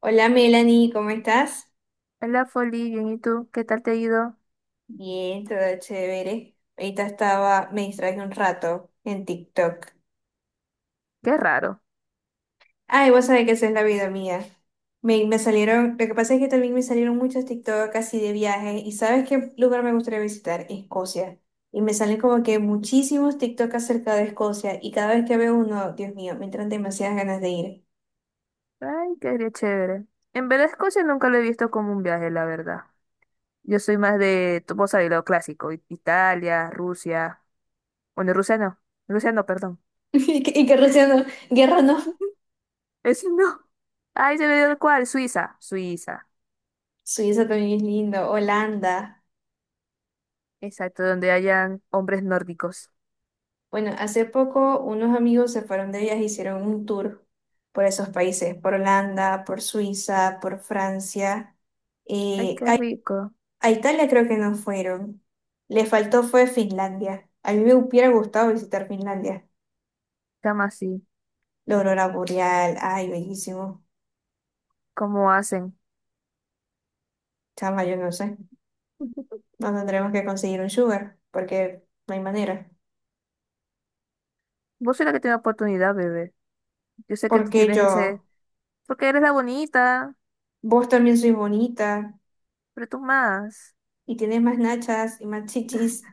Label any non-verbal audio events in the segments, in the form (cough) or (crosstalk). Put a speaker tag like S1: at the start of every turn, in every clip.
S1: Hola Melanie, ¿cómo estás?
S2: Hola, Foli, bien, ¿y tú? ¿Qué tal te ha ido?
S1: Bien, todo chévere. Ahorita estaba, me distraje un rato en TikTok.
S2: Qué raro.
S1: Ay, vos sabés que esa es la vida mía. Me salieron, lo que pasa es que también me salieron muchos TikTok así de viaje. ¿Y sabes qué lugar me gustaría visitar? Escocia. Y me salen como que muchísimos TikTok acerca de Escocia. Y cada vez que veo uno, Dios mío, me entran demasiadas ganas de ir. (laughs)
S2: Ay, qué chévere. En verdad, Escocia nunca lo he visto como un viaje, la verdad. Yo soy más de, vos sabés, lo clásico, Italia, Rusia. Bueno, Rusia no. Rusia no, perdón.
S1: Y que Rusia no, guerra no.
S2: (laughs) Ese no. Ay, se me dio el cual, Suiza. Suiza.
S1: Suiza también es lindo, Holanda.
S2: Exacto, donde hayan hombres nórdicos.
S1: Bueno, hace poco unos amigos se fueron de viaje, hicieron un tour por esos países, por Holanda, por Suiza, por Francia.
S2: Ay,
S1: eh,
S2: qué
S1: a,
S2: rico.
S1: a Italia creo que no fueron. Le faltó fue Finlandia. A mí me hubiera gustado visitar Finlandia.
S2: Llama así.
S1: La aurora boreal, ay, bellísimo.
S2: ¿Cómo hacen?
S1: Chama, yo no sé.
S2: (laughs)
S1: No tendremos que conseguir un sugar, porque no hay manera.
S2: Vos sois la que tiene oportunidad, bebé. Yo sé que tú
S1: Porque
S2: tienes
S1: yo,
S2: ese, porque eres la bonita,
S1: vos también sois bonita
S2: pero tú más.
S1: y tienes más nachas y más chichis.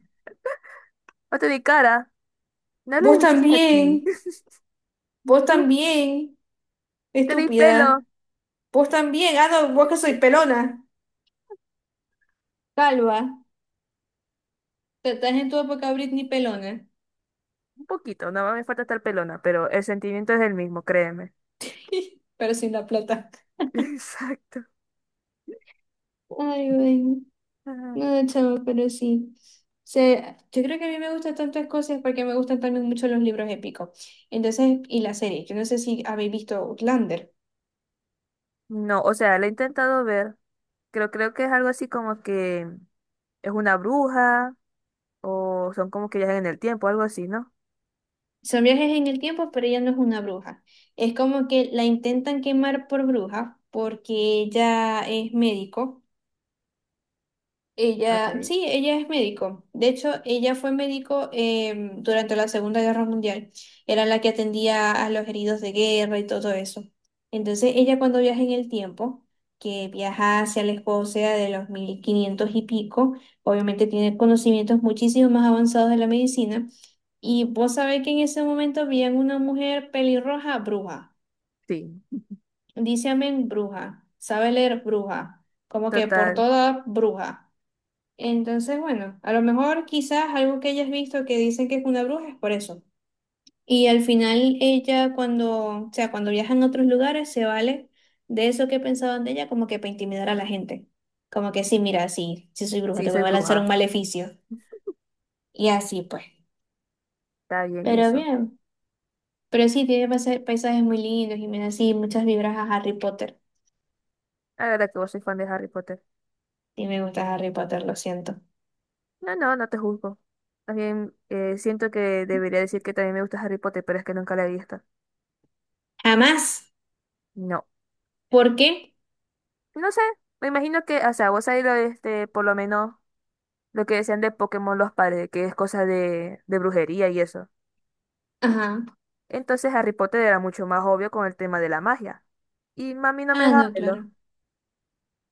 S2: O mi cara. No hables
S1: Vos
S2: de mis chichis aquí.
S1: también. Vos
S2: (laughs)
S1: también,
S2: Tenéis pelo.
S1: estúpida. Vos también. Ah, no, vos que soy pelona. Calva. Te estás en tu época Britney pelona.
S2: Un poquito, nada más me falta estar pelona, pero el sentimiento es el mismo, créeme.
S1: (laughs) Pero sin la plata.
S2: (laughs) Exacto.
S1: Ay, bueno.
S2: Ah.
S1: No, chavo, pero sí. O sea, yo creo que a mí me gustan tantas cosas porque me gustan también mucho los libros épicos. Entonces, y la serie. Yo no sé si habéis visto Outlander.
S2: No, o sea, la he intentado ver. Creo que es algo así como que es una bruja o son como que viajan en el tiempo, algo así, ¿no?
S1: Son viajes en el tiempo, pero ella no es una bruja. Es como que la intentan quemar por bruja porque ella es médico. Ella,
S2: Ok.
S1: sí, ella es médico. De hecho, ella fue médico durante la Segunda Guerra Mundial. Era la que atendía a los heridos de guerra y todo eso. Entonces, ella cuando viaja en el tiempo, que viaja hacia la Escocia de los 1500 y pico, obviamente tiene conocimientos muchísimo más avanzados de la medicina. Y vos sabés que en ese momento veían una mujer pelirroja bruja.
S2: Sí,
S1: Dice amén bruja. Sabe leer bruja. Como que por
S2: total.
S1: toda bruja. Entonces, bueno, a lo mejor quizás algo que hayas visto que dicen que es una bruja es por eso. Y al final ella cuando, o sea, cuando viajan a otros lugares se vale de eso que pensaban de ella como que para intimidar a la gente. Como que sí, mira, sí, sí soy bruja,
S2: Sí,
S1: te voy
S2: soy
S1: a lanzar un
S2: bruja.
S1: maleficio. Y así pues.
S2: Está bien
S1: Pero
S2: eso.
S1: bien, pero sí, tiene paisajes muy lindos y me da así muchas vibras a Harry Potter.
S2: La verdad que vos soy fan de Harry Potter.
S1: Y me gusta Harry Potter, lo siento.
S2: No, no, no te juzgo. También siento que debería decir que también me gusta Harry Potter, pero es que nunca la he visto.
S1: Jamás.
S2: No,
S1: ¿Por qué?
S2: no sé. Me imagino que, o sea, vos ahí lo, este, por lo menos lo que decían de Pokémon los padres, que es cosa de, brujería y eso.
S1: Ajá.
S2: Entonces Harry Potter era mucho más obvio con el tema de la magia. Y mami no me
S1: Ah,
S2: dejaba
S1: no,
S2: verlo.
S1: claro.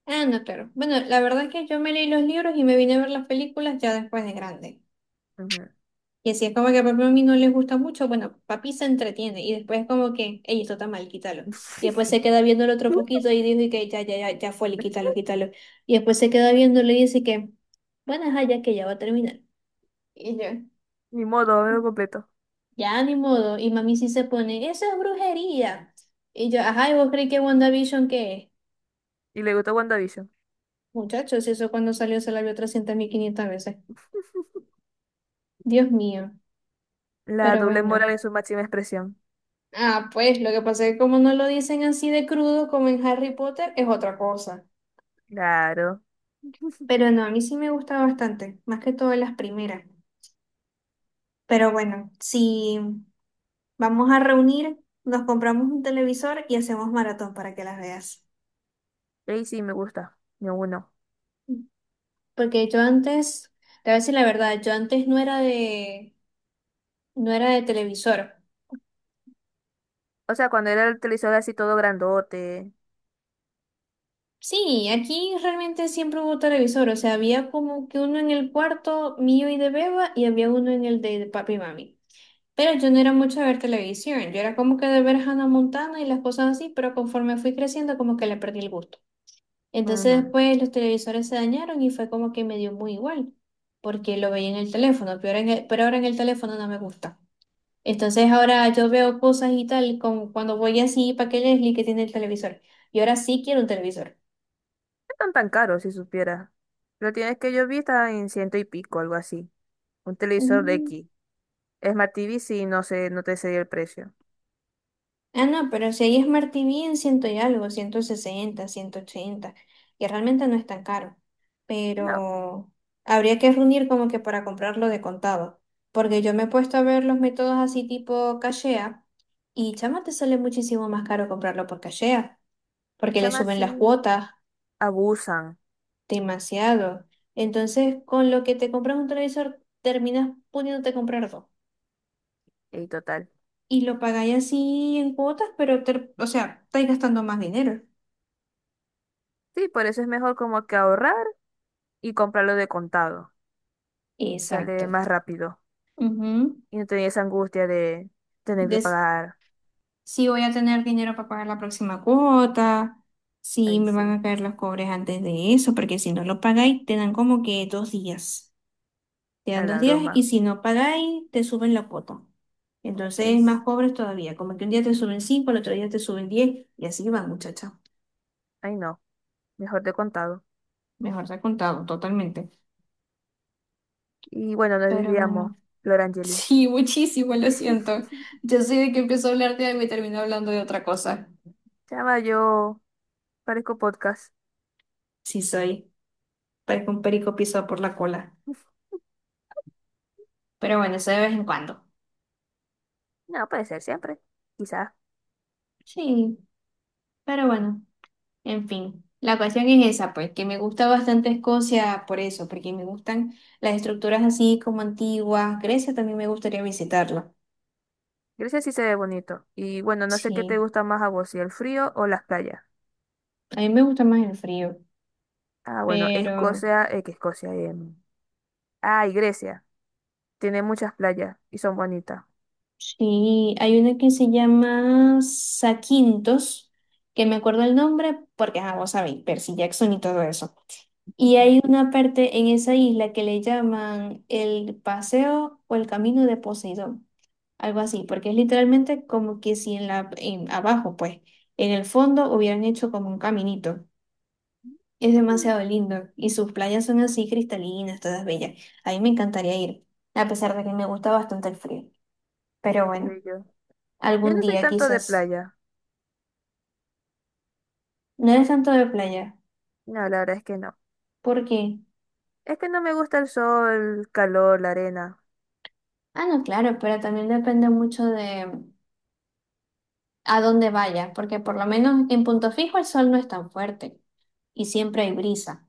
S1: Ah, no, claro. Bueno, la verdad es que yo me leí los libros y me vine a ver las películas ya después de grande.
S2: Ujú.
S1: Y así es como que papá a mí no les gusta mucho, bueno, papi se entretiene y después es como que, ey, esto está mal, quítalo. Y después se queda viéndolo otro poquito
S2: (laughs)
S1: y dice que ya, ya, ya, ya fue, quítalo, quítalo. Y después se queda viéndolo y dice que, bueno, ajá, ya que ya va a terminar. Y yo,
S2: Ni modo, me lo completo.
S1: ya ni modo. Y mami sí se pone, eso es brujería. Y yo, ajá, ¿y vos creí que WandaVision qué es?
S2: Y le gustó WandaVision.
S1: Muchachos, eso cuando salió se la vio 300.500 veces. Dios mío.
S2: La
S1: Pero
S2: doble
S1: bueno.
S2: moral en su máxima expresión.
S1: Ah, pues lo que pasa es que como no lo dicen así de crudo como en Harry Potter, es otra cosa.
S2: Claro.
S1: Pero no, a mí sí me gusta bastante, más que todo las primeras. Pero bueno, si vamos a reunir, nos compramos un televisor y hacemos maratón para que las veas.
S2: Y sí me gusta. Ni uno.
S1: Porque yo antes, te voy a decir la verdad, yo antes no era de, no era de televisor.
S2: O sea, cuando era el televisor así todo grandote.
S1: Sí, aquí realmente siempre hubo televisor, o sea, había como que uno en el cuarto mío y de Beba y había uno en el de papi y mami. Pero yo no era mucho de ver televisión, yo era como que de ver Hannah Montana y las cosas así, pero conforme fui creciendo como que le perdí el gusto.
S2: Ujú.
S1: Entonces
S2: No
S1: después los televisores se dañaron y fue como que me dio muy igual, porque lo veía en el teléfono, pero ahora en el teléfono no me gusta. Entonces ahora yo veo cosas y tal, como cuando voy así para que Leslie que tiene el televisor. Y ahora sí quiero un televisor.
S2: están tan caros, si supiera. Lo tienes que yo vi estaba en ciento y pico, algo así. Un televisor de
S1: Mm,
S2: X. Smart TV sí, no sé, no te sé el precio.
S1: Ah, no, pero si ahí es Martí en ciento y algo, 160, 180 y realmente no es tan caro,
S2: No, chama,
S1: pero habría que reunir como que para comprarlo de contado, porque yo me he puesto a ver los métodos así tipo Cashea, y chama te sale muchísimo más caro comprarlo por Cashea, porque le
S2: llama
S1: suben las
S2: así.
S1: cuotas
S2: Abusan.
S1: demasiado. Entonces, con lo que te compras un televisor, terminas pudiéndote comprar dos,
S2: Y total.
S1: y lo pagáis así en cuotas, pero, o sea, estáis gastando más dinero.
S2: Sí, por eso es mejor como que ahorrar y comprarlo de contado. Sale
S1: Exacto.
S2: más rápido.
S1: Ujú.
S2: Y no tenía esa angustia de tener que
S1: Des-
S2: pagar.
S1: si voy a tener dinero para pagar la próxima cuota, si
S2: Ahí
S1: me van
S2: sí,
S1: a caer los cobres antes de eso, porque si no lo pagáis, te dan como que 2 días. Te
S2: a
S1: dan dos
S2: la
S1: días y
S2: broma.
S1: si no pagáis, te suben la cuota. Entonces,
S2: Es,
S1: más pobres todavía, como que un día te suben cinco, el otro día te suben 10 y así van, muchacha.
S2: ay no, mejor de contado.
S1: Mejor te ha contado, totalmente.
S2: Y bueno, nos
S1: Pero
S2: desviamos,
S1: bueno,
S2: Flor
S1: (laughs)
S2: Angeli.
S1: sí, muchísimo, lo
S2: (laughs)
S1: siento. Yo soy de que empiezo a hablar de algo y termino hablando de otra cosa.
S2: Chama, yo parezco podcast.
S1: Sí soy, parezco un perico pisado por la cola. Pero bueno, eso de vez en cuando.
S2: No, puede ser siempre. Quizás.
S1: Sí, pero bueno, en fin. La cuestión es esa, pues, que me gusta bastante Escocia por eso, porque me gustan las estructuras así como antiguas. Grecia también me gustaría visitarla.
S2: Grecia sí se ve bonito. Y bueno, no sé qué te
S1: Sí,
S2: gusta más a vos, si el frío o las playas.
S1: a mí me gusta más el frío,
S2: Ah, bueno,
S1: pero
S2: Escocia, que Escocia. Ah, y Grecia. Tiene muchas playas y son bonitas.
S1: sí, hay una que se llama Saquintos, que me acuerdo el nombre porque, ah, vos sabéis, Percy Jackson y todo eso.
S2: (laughs)
S1: Y
S2: Ujú.
S1: hay una parte en esa isla que le llaman el paseo o el camino de Poseidón. Algo así, porque es literalmente como que si en la, en, abajo, pues, en el fondo hubieran hecho como un caminito. Es
S2: Mm,
S1: demasiado lindo y sus playas son así cristalinas, todas bellas. A mí me encantaría ir, a pesar de que me gusta bastante el frío. Pero
S2: qué
S1: bueno,
S2: bello. Yo
S1: algún
S2: no soy
S1: día
S2: tanto de
S1: quizás.
S2: playa.
S1: No eres tanto de playa,
S2: No, la verdad es que no.
S1: porque,
S2: Es que no me gusta el sol, el calor, la arena.
S1: ah, no, claro, pero también depende mucho de a dónde vayas, porque por lo menos en Punto Fijo el sol no es tan fuerte y siempre hay brisa.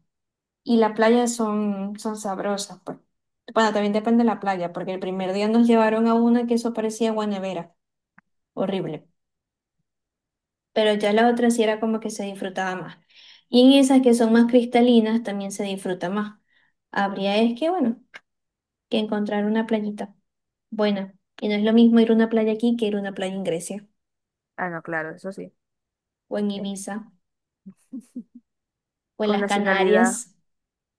S1: Y las playas son, son sabrosas, pues. Bueno, también depende de la playa, porque el primer día nos llevaron a una que eso parecía Guanevera, horrible. Pero ya la otra sí era como que se disfrutaba más. Y en esas que son más cristalinas también se disfruta más. Habría es que, bueno, que encontrar una playita buena. Y no es lo mismo ir a una playa aquí que ir a una playa en Grecia,
S2: Ah, no, claro, eso sí.
S1: o en
S2: Eh,
S1: Ibiza, o en
S2: Con
S1: las
S2: nacionalidad,
S1: Canarias,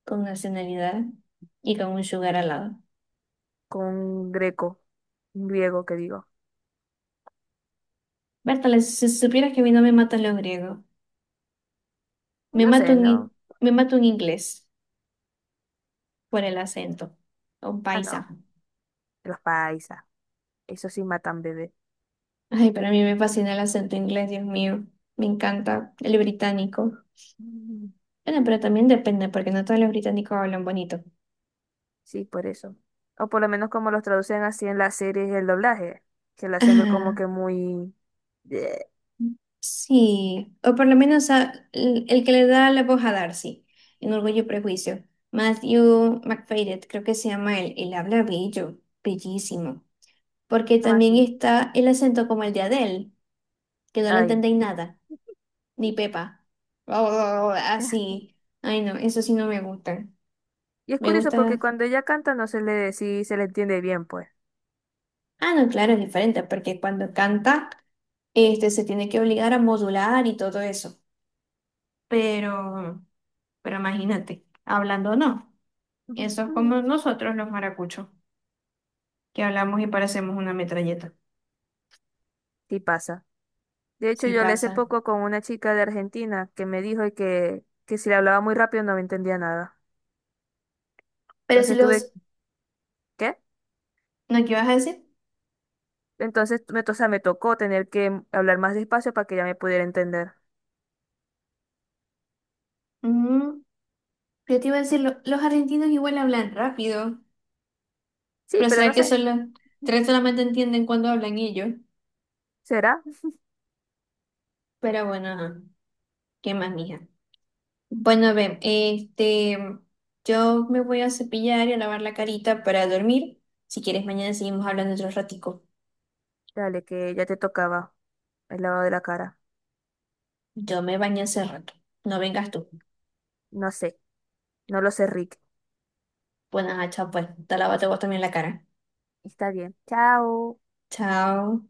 S1: con nacionalidad y con un sugar al lado.
S2: con greco, griego que digo.
S1: Bertale, si supieras que a mí no me matan los griegos. Me
S2: No sé,
S1: mato en
S2: no.
S1: in- me mato en inglés por el acento. O un
S2: Ah,
S1: paisa.
S2: no, los paisas. Eso sí matan bebé.
S1: Ay, para mí me fascina el acento inglés, Dios mío. Me encanta el británico.
S2: Mm.
S1: Bueno, pero también depende, porque no todos los británicos hablan bonito.
S2: Sí, por eso. O por lo menos como los traducen así en las series el doblaje, que lo hacen ver como
S1: Ah,
S2: que muy... Bleh,
S1: sí. O por lo menos el que le da la voz a Darcy, en Orgullo y Prejuicio. Matthew McFadden, creo que se llama él. Él habla bello, bellísimo. Porque
S2: ¿cómo
S1: también
S2: así?
S1: está el acento como el de Adele, que no le
S2: Ay.
S1: entendéis nada. Ni pepa. Oh,
S2: (laughs)
S1: así. Ay, no, eso sí no me gusta.
S2: Y es
S1: Me
S2: curioso porque
S1: gusta.
S2: cuando ella canta no sí se le entiende bien, pues.
S1: Ah, no, claro, es diferente, porque cuando canta, este, se tiene que obligar a modular y todo eso. Pero, pero imagínate, hablando no. Eso es
S2: Ujú.
S1: como nosotros los maracuchos, que hablamos y parecemos una metralleta.
S2: Sí pasa. De hecho,
S1: Sí
S2: yo le hace
S1: pasa.
S2: poco con una chica de Argentina que me dijo que si le hablaba muy rápido no me entendía nada.
S1: Pero si
S2: Entonces tuve...
S1: los...
S2: ¿Qué?
S1: ¿No qué ibas a decir?
S2: Entonces, me, to- o sea, me tocó tener que hablar más despacio para que ella me pudiera entender.
S1: Mm, yo te iba a decir, los argentinos igual hablan rápido,
S2: Sí,
S1: pero
S2: pero
S1: será
S2: no
S1: que
S2: sé.
S1: solo tres
S2: Ujú.
S1: solamente entienden cuando hablan ellos.
S2: ¿Será?
S1: Pero bueno, ajá. ¿Qué más, mija? Bueno, ven, este, yo me voy a cepillar y a lavar la carita para dormir. Si quieres, mañana seguimos hablando otro ratico.
S2: Dale, que ya te tocaba el lavado de la cara.
S1: Yo me bañé hace rato. No vengas tú.
S2: No sé. No lo sé, Rick.
S1: Bueno, ajá, chao pues. Te lávate vos también la cara.
S2: Está bien. Chao.
S1: Chao.